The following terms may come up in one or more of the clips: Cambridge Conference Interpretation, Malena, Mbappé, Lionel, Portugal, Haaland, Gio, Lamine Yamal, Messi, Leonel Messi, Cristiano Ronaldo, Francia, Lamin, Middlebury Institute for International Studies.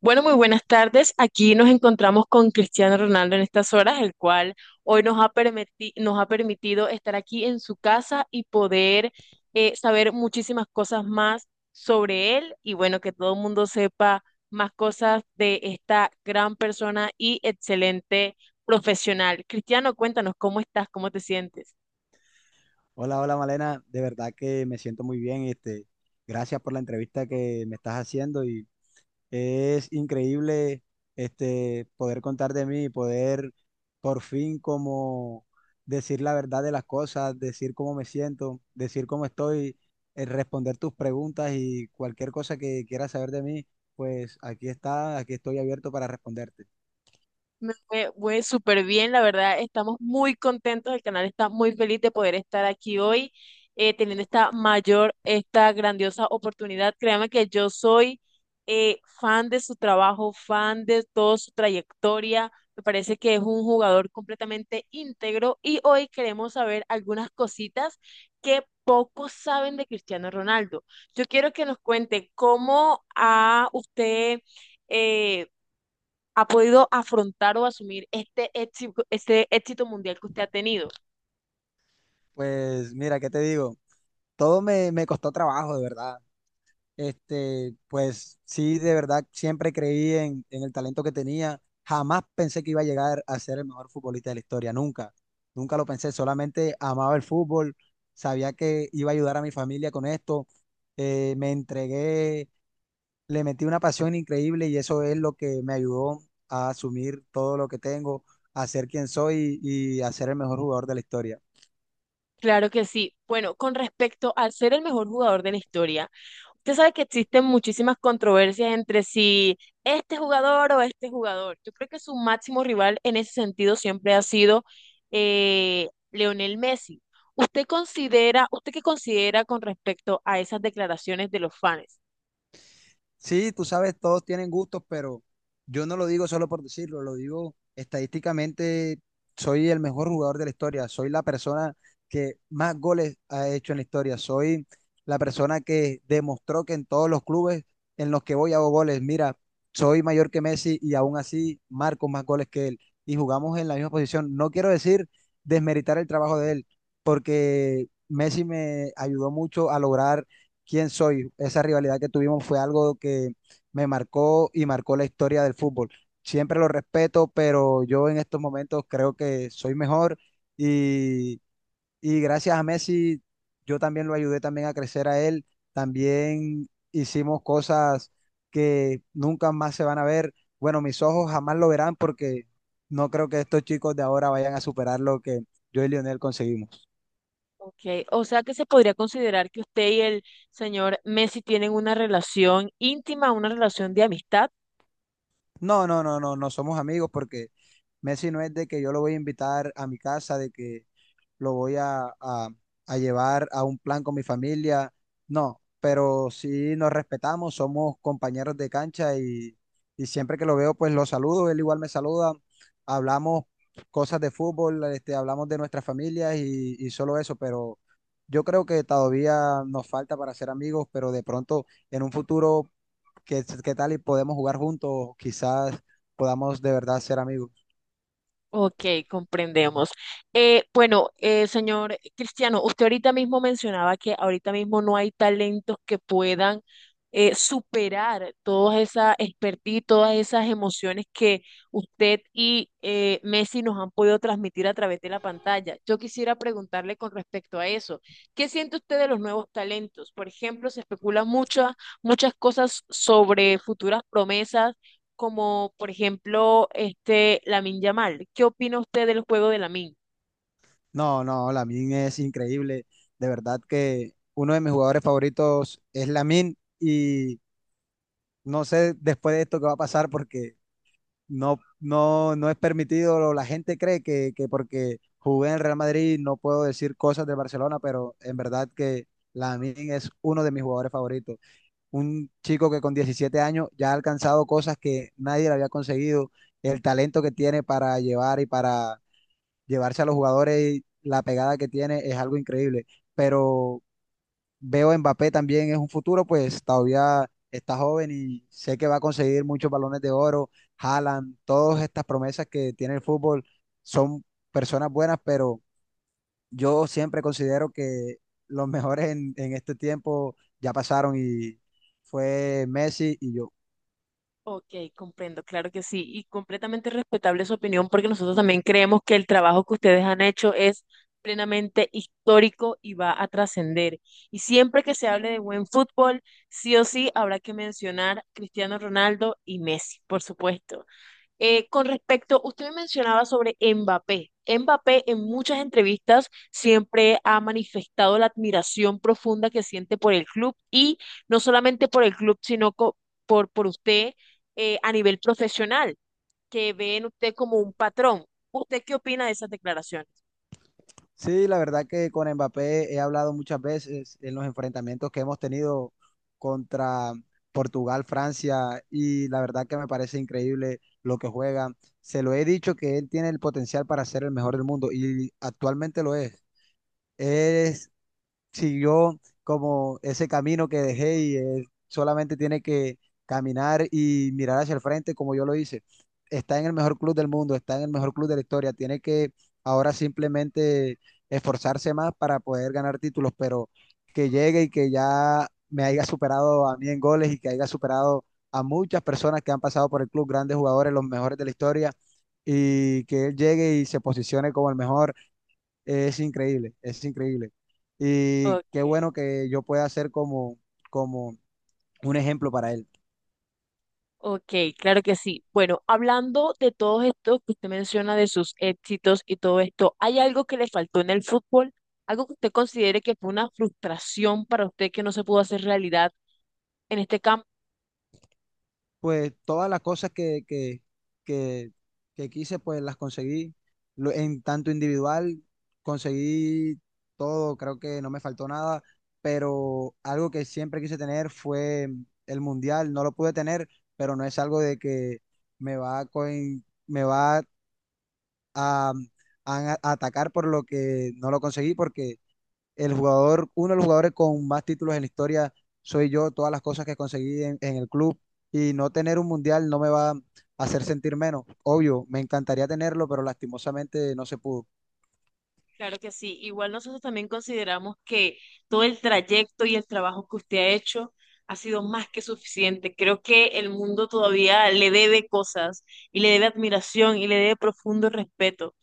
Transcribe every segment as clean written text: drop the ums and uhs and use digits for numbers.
Bueno, muy buenas tardes. Aquí nos encontramos con Cristiano Ronaldo en estas horas, el cual hoy nos ha permitido estar aquí en su casa y poder saber muchísimas cosas más sobre él y bueno, que todo el mundo sepa más cosas de esta gran persona y excelente profesional. Cristiano, cuéntanos, ¿cómo estás? ¿Cómo te sientes? Hola, hola Malena, de verdad que me siento muy bien, gracias por la entrevista que me estás haciendo y es increíble poder contar de mí y poder por fin como decir la verdad de las cosas, decir cómo me siento, decir cómo estoy, responder tus preguntas y cualquier cosa que quieras saber de mí, pues aquí está, aquí estoy abierto para responderte. Me fue súper bien, la verdad, estamos muy contentos, el canal está muy feliz de poder estar aquí hoy, teniendo esta mayor, esta grandiosa oportunidad. Créame que yo soy fan de su trabajo, fan de toda su trayectoria, me parece que es un jugador completamente íntegro y hoy queremos saber algunas cositas que pocos saben de Cristiano Ronaldo. Yo quiero que nos cuente cómo a usted eh, ha podido afrontar o asumir este éxito mundial que usted ha tenido. Pues mira, ¿qué te digo? Todo me costó trabajo, de verdad. Pues sí, de verdad, siempre creí en el talento que tenía. Jamás pensé que iba a llegar a ser el mejor futbolista de la historia, nunca. Nunca lo pensé, solamente amaba el fútbol, sabía que iba a ayudar a mi familia con esto. Me entregué, le metí una pasión increíble y eso es lo que me ayudó a asumir todo lo que tengo, a ser quien soy y a ser el mejor jugador de la historia. Claro que sí. Bueno, con respecto al ser el mejor jugador de la historia, usted sabe que existen muchísimas controversias entre si este jugador o este jugador. Yo creo que su máximo rival en ese sentido siempre ha sido Leonel Messi. ¿Usted considera, usted qué considera con respecto a esas declaraciones de los fans? Sí, tú sabes, todos tienen gustos, pero yo no lo digo solo por decirlo, lo digo estadísticamente, soy el mejor jugador de la historia, soy la persona que más goles ha hecho en la historia, soy la persona que demostró que en todos los clubes en los que voy hago goles. Mira, soy mayor que Messi y aún así marco más goles que él y jugamos en la misma posición. No quiero decir desmeritar el trabajo de él, porque Messi me ayudó mucho a lograr quién soy. Esa rivalidad que tuvimos fue algo que me marcó y marcó la historia del fútbol. Siempre lo respeto, pero yo en estos momentos creo que soy mejor y, y gracias a Messi, yo también lo ayudé también a crecer a él. También hicimos cosas que nunca más se van a ver. Bueno, mis ojos jamás lo verán porque no creo que estos chicos de ahora vayan a superar lo que yo y Lionel conseguimos. Ok, o sea que se podría considerar que usted y el señor Messi tienen una relación íntima, una relación de amistad. No, no, no, no, no somos amigos porque Messi no es de que yo lo voy a invitar a mi casa, de que lo voy a llevar a un plan con mi familia, no, pero sí nos respetamos, somos compañeros de cancha y siempre que lo veo pues lo saludo, él igual me saluda, hablamos cosas de fútbol, este, hablamos de nuestras familias y solo eso, pero yo creo que todavía nos falta para ser amigos, pero de pronto en un futuro. ¿Qué tal y podemos jugar juntos? Quizás podamos de verdad ser amigos. Ok, comprendemos. Bueno, señor Cristiano, usted ahorita mismo mencionaba que ahorita mismo no hay talentos que puedan superar todas esas expertise, todas esas emociones que usted y Messi nos han podido transmitir a través de la pantalla. Yo quisiera preguntarle con respecto a eso, ¿qué siente usted de los nuevos talentos? Por ejemplo, se especulan muchas cosas sobre futuras promesas como por ejemplo este Lamine Yamal. ¿Qué opina usted del juego de Lamine? No, no, Lamin es increíble. De verdad que uno de mis jugadores favoritos es Lamin y no sé después de esto qué va a pasar porque no, no, no es permitido. La gente cree que porque jugué en el Real Madrid no puedo decir cosas de Barcelona, pero en verdad que Lamin es uno de mis jugadores favoritos. Un chico que con 17 años ya ha alcanzado cosas que nadie le había conseguido, el talento que tiene para llevar y para llevarse a los jugadores, y la pegada que tiene es algo increíble. Pero veo a Mbappé también es un futuro, pues todavía está joven y sé que va a conseguir muchos balones de oro. Haaland, todas estas promesas que tiene el fútbol son personas buenas, pero yo siempre considero que los mejores en este tiempo ya pasaron y fue Messi y yo. Ok, comprendo, claro que sí, y completamente respetable su opinión porque nosotros también creemos que el trabajo que ustedes han hecho es plenamente histórico y va a trascender. Y siempre que se hable de buen fútbol, sí o sí habrá que mencionar Cristiano Ronaldo y Messi, por supuesto. Con respecto, usted me mencionaba sobre Mbappé. Mbappé en muchas entrevistas siempre ha manifestado la admiración profunda que siente por el club y no solamente por el club, por usted a nivel profesional, que ve en usted como un patrón. ¿Usted qué opina de esas declaraciones? Sí, la verdad que con Mbappé he hablado muchas veces en los enfrentamientos que hemos tenido contra Portugal, Francia y la verdad que me parece increíble lo que juega. Se lo he dicho que él tiene el potencial para ser el mejor del mundo y actualmente lo es. Es Siguió como ese camino que dejé y él solamente tiene que caminar y mirar hacia el frente como yo lo hice. Está en el mejor club del mundo, está en el mejor club de la historia, tiene que ahora simplemente esforzarse más para poder ganar títulos, pero que llegue y que ya me haya superado a mí en goles y que haya superado a muchas personas que han pasado por el club, grandes jugadores, los mejores de la historia, y que él llegue y se posicione como el mejor es increíble, es increíble. Y qué Ok. bueno que yo pueda ser como, un ejemplo para él. Ok, claro que sí. Bueno, hablando de todo esto que usted menciona, de sus éxitos y todo esto, ¿hay algo que le faltó en el fútbol? ¿Algo que usted considere que fue una frustración para usted que no se pudo hacer realidad en este campo? Pues todas las cosas que, que quise, pues las conseguí. En tanto individual, conseguí todo, creo que no me faltó nada, pero algo que siempre quise tener fue el mundial. No lo pude tener, pero no es algo de que me va a, coin- me va a a atacar por lo que no lo conseguí, porque el jugador, uno de los jugadores con más títulos en la historia soy yo, todas las cosas que conseguí en el club y no tener un mundial no me va a hacer sentir menos. Obvio, me encantaría tenerlo, pero lastimosamente no se pudo. Claro que sí. Igual nosotros también consideramos que todo el trayecto y el trabajo que usted ha hecho ha sido más que suficiente. Creo que el mundo todavía le debe cosas y le debe admiración y le debe profundo respeto,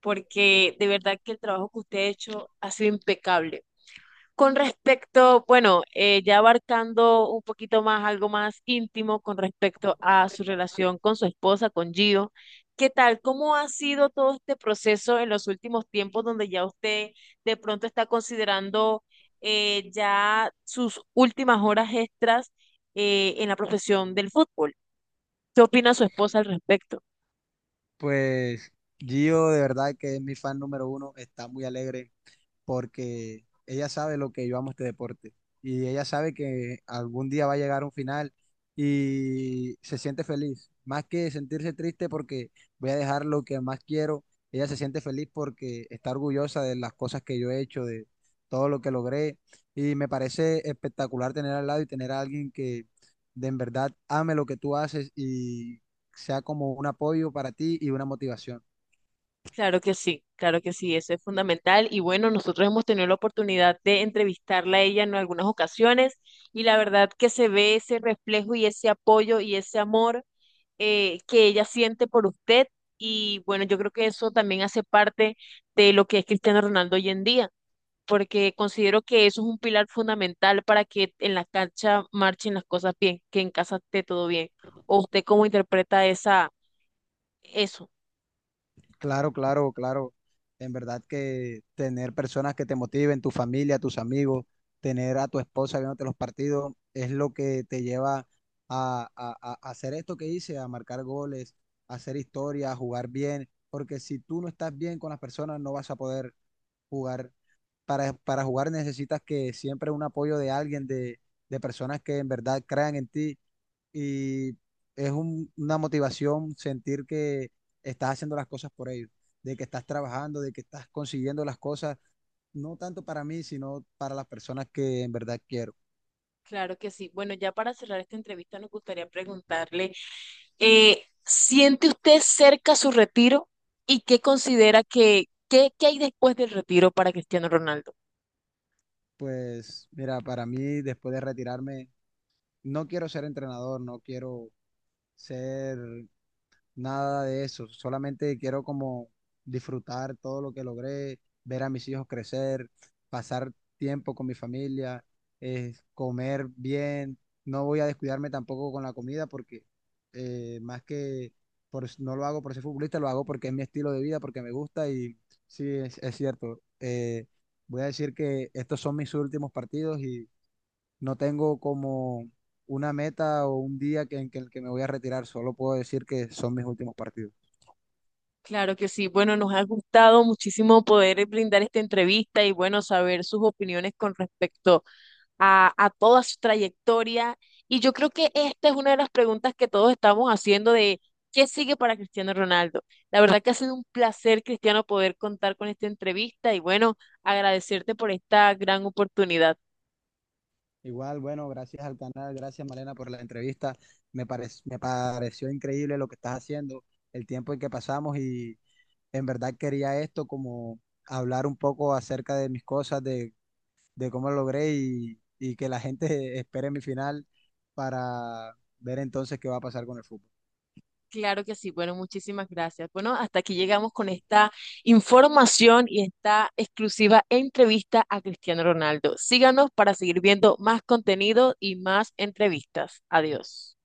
porque de verdad que el trabajo que usted ha hecho ha sido impecable. Con respecto, bueno, ya abarcando un poquito más, algo más íntimo con respecto a su relación con su esposa, con Gio, ¿qué tal? ¿Cómo ha sido todo este proceso en los últimos tiempos donde ya usted de pronto está considerando ya sus últimas horas extras en la profesión del fútbol? ¿Qué opina su esposa al respecto? Pues Gio, de verdad que es mi fan número uno, está muy alegre porque ella sabe lo que yo amo este deporte y ella sabe que algún día va a llegar un final y se siente feliz, más que sentirse triste porque voy a dejar lo que más quiero, ella se siente feliz porque está orgullosa de las cosas que yo he hecho, de todo lo que logré y me parece espectacular tener al lado y tener a alguien que de en verdad ame lo que tú haces y sea como un apoyo para ti y una motivación. Claro que sí, eso es fundamental. Y bueno, nosotros hemos tenido la oportunidad de entrevistarla a ella en algunas ocasiones y la verdad que se ve ese reflejo y ese apoyo y ese amor que ella siente por usted. Y bueno, yo creo que eso también hace parte de lo que es Cristiano Ronaldo hoy en día, porque considero que eso es un pilar fundamental para que en la cancha marchen las cosas bien, que en casa esté todo bien. ¿O usted cómo interpreta esa, eso? Claro, claro, claro. En verdad que tener personas que te motiven, tu familia, tus amigos, tener a tu esposa viéndote los partidos, es lo que te lleva a hacer esto que hice, a marcar goles, a hacer historia, a jugar bien, porque si tú no estás bien con las personas, no vas a poder jugar para jugar necesitas que siempre un apoyo de alguien, de personas que en verdad crean en ti y es una motivación sentir que estás haciendo las cosas por ellos, de que estás trabajando, de que estás consiguiendo las cosas, no tanto para mí, sino para las personas que en verdad quiero. Claro que sí. Bueno, ya para cerrar esta entrevista nos gustaría preguntarle, ¿siente usted cerca su retiro y qué considera que, qué, qué hay después del retiro para Cristiano Ronaldo? Pues mira, para mí después de retirarme, no quiero ser entrenador, no quiero ser nada de eso. Solamente quiero como disfrutar todo lo que logré, ver a mis hijos crecer, pasar tiempo con mi familia, comer bien. No voy a descuidarme tampoco con la comida porque más que no lo hago por ser futbolista, lo hago porque es mi estilo de vida, porque me gusta y sí, es cierto. Voy a decir que estos son mis últimos partidos y no tengo como una meta o un día que, en que- en que me voy a retirar, solo puedo decir que son mis últimos partidos. Claro que sí. Bueno, nos ha gustado muchísimo poder brindar esta entrevista y bueno, saber sus opiniones con respecto a toda su trayectoria. Y yo creo que esta es una de las preguntas que todos estamos haciendo de qué sigue para Cristiano Ronaldo. La verdad que ha sido un placer, Cristiano, poder contar con esta entrevista y bueno, agradecerte por esta gran oportunidad. Igual, bueno, gracias al canal, gracias Malena por la entrevista. Me pareció increíble lo que estás haciendo, el tiempo en que pasamos y en verdad quería esto como hablar un poco acerca de mis cosas, de cómo lo logré y que la gente espere mi final para ver entonces qué va a pasar con el fútbol. Claro que sí, bueno, muchísimas gracias. Bueno, hasta aquí llegamos con esta información y esta exclusiva entrevista a Cristiano Ronaldo. Síganos para seguir viendo más contenido y más entrevistas. Adiós.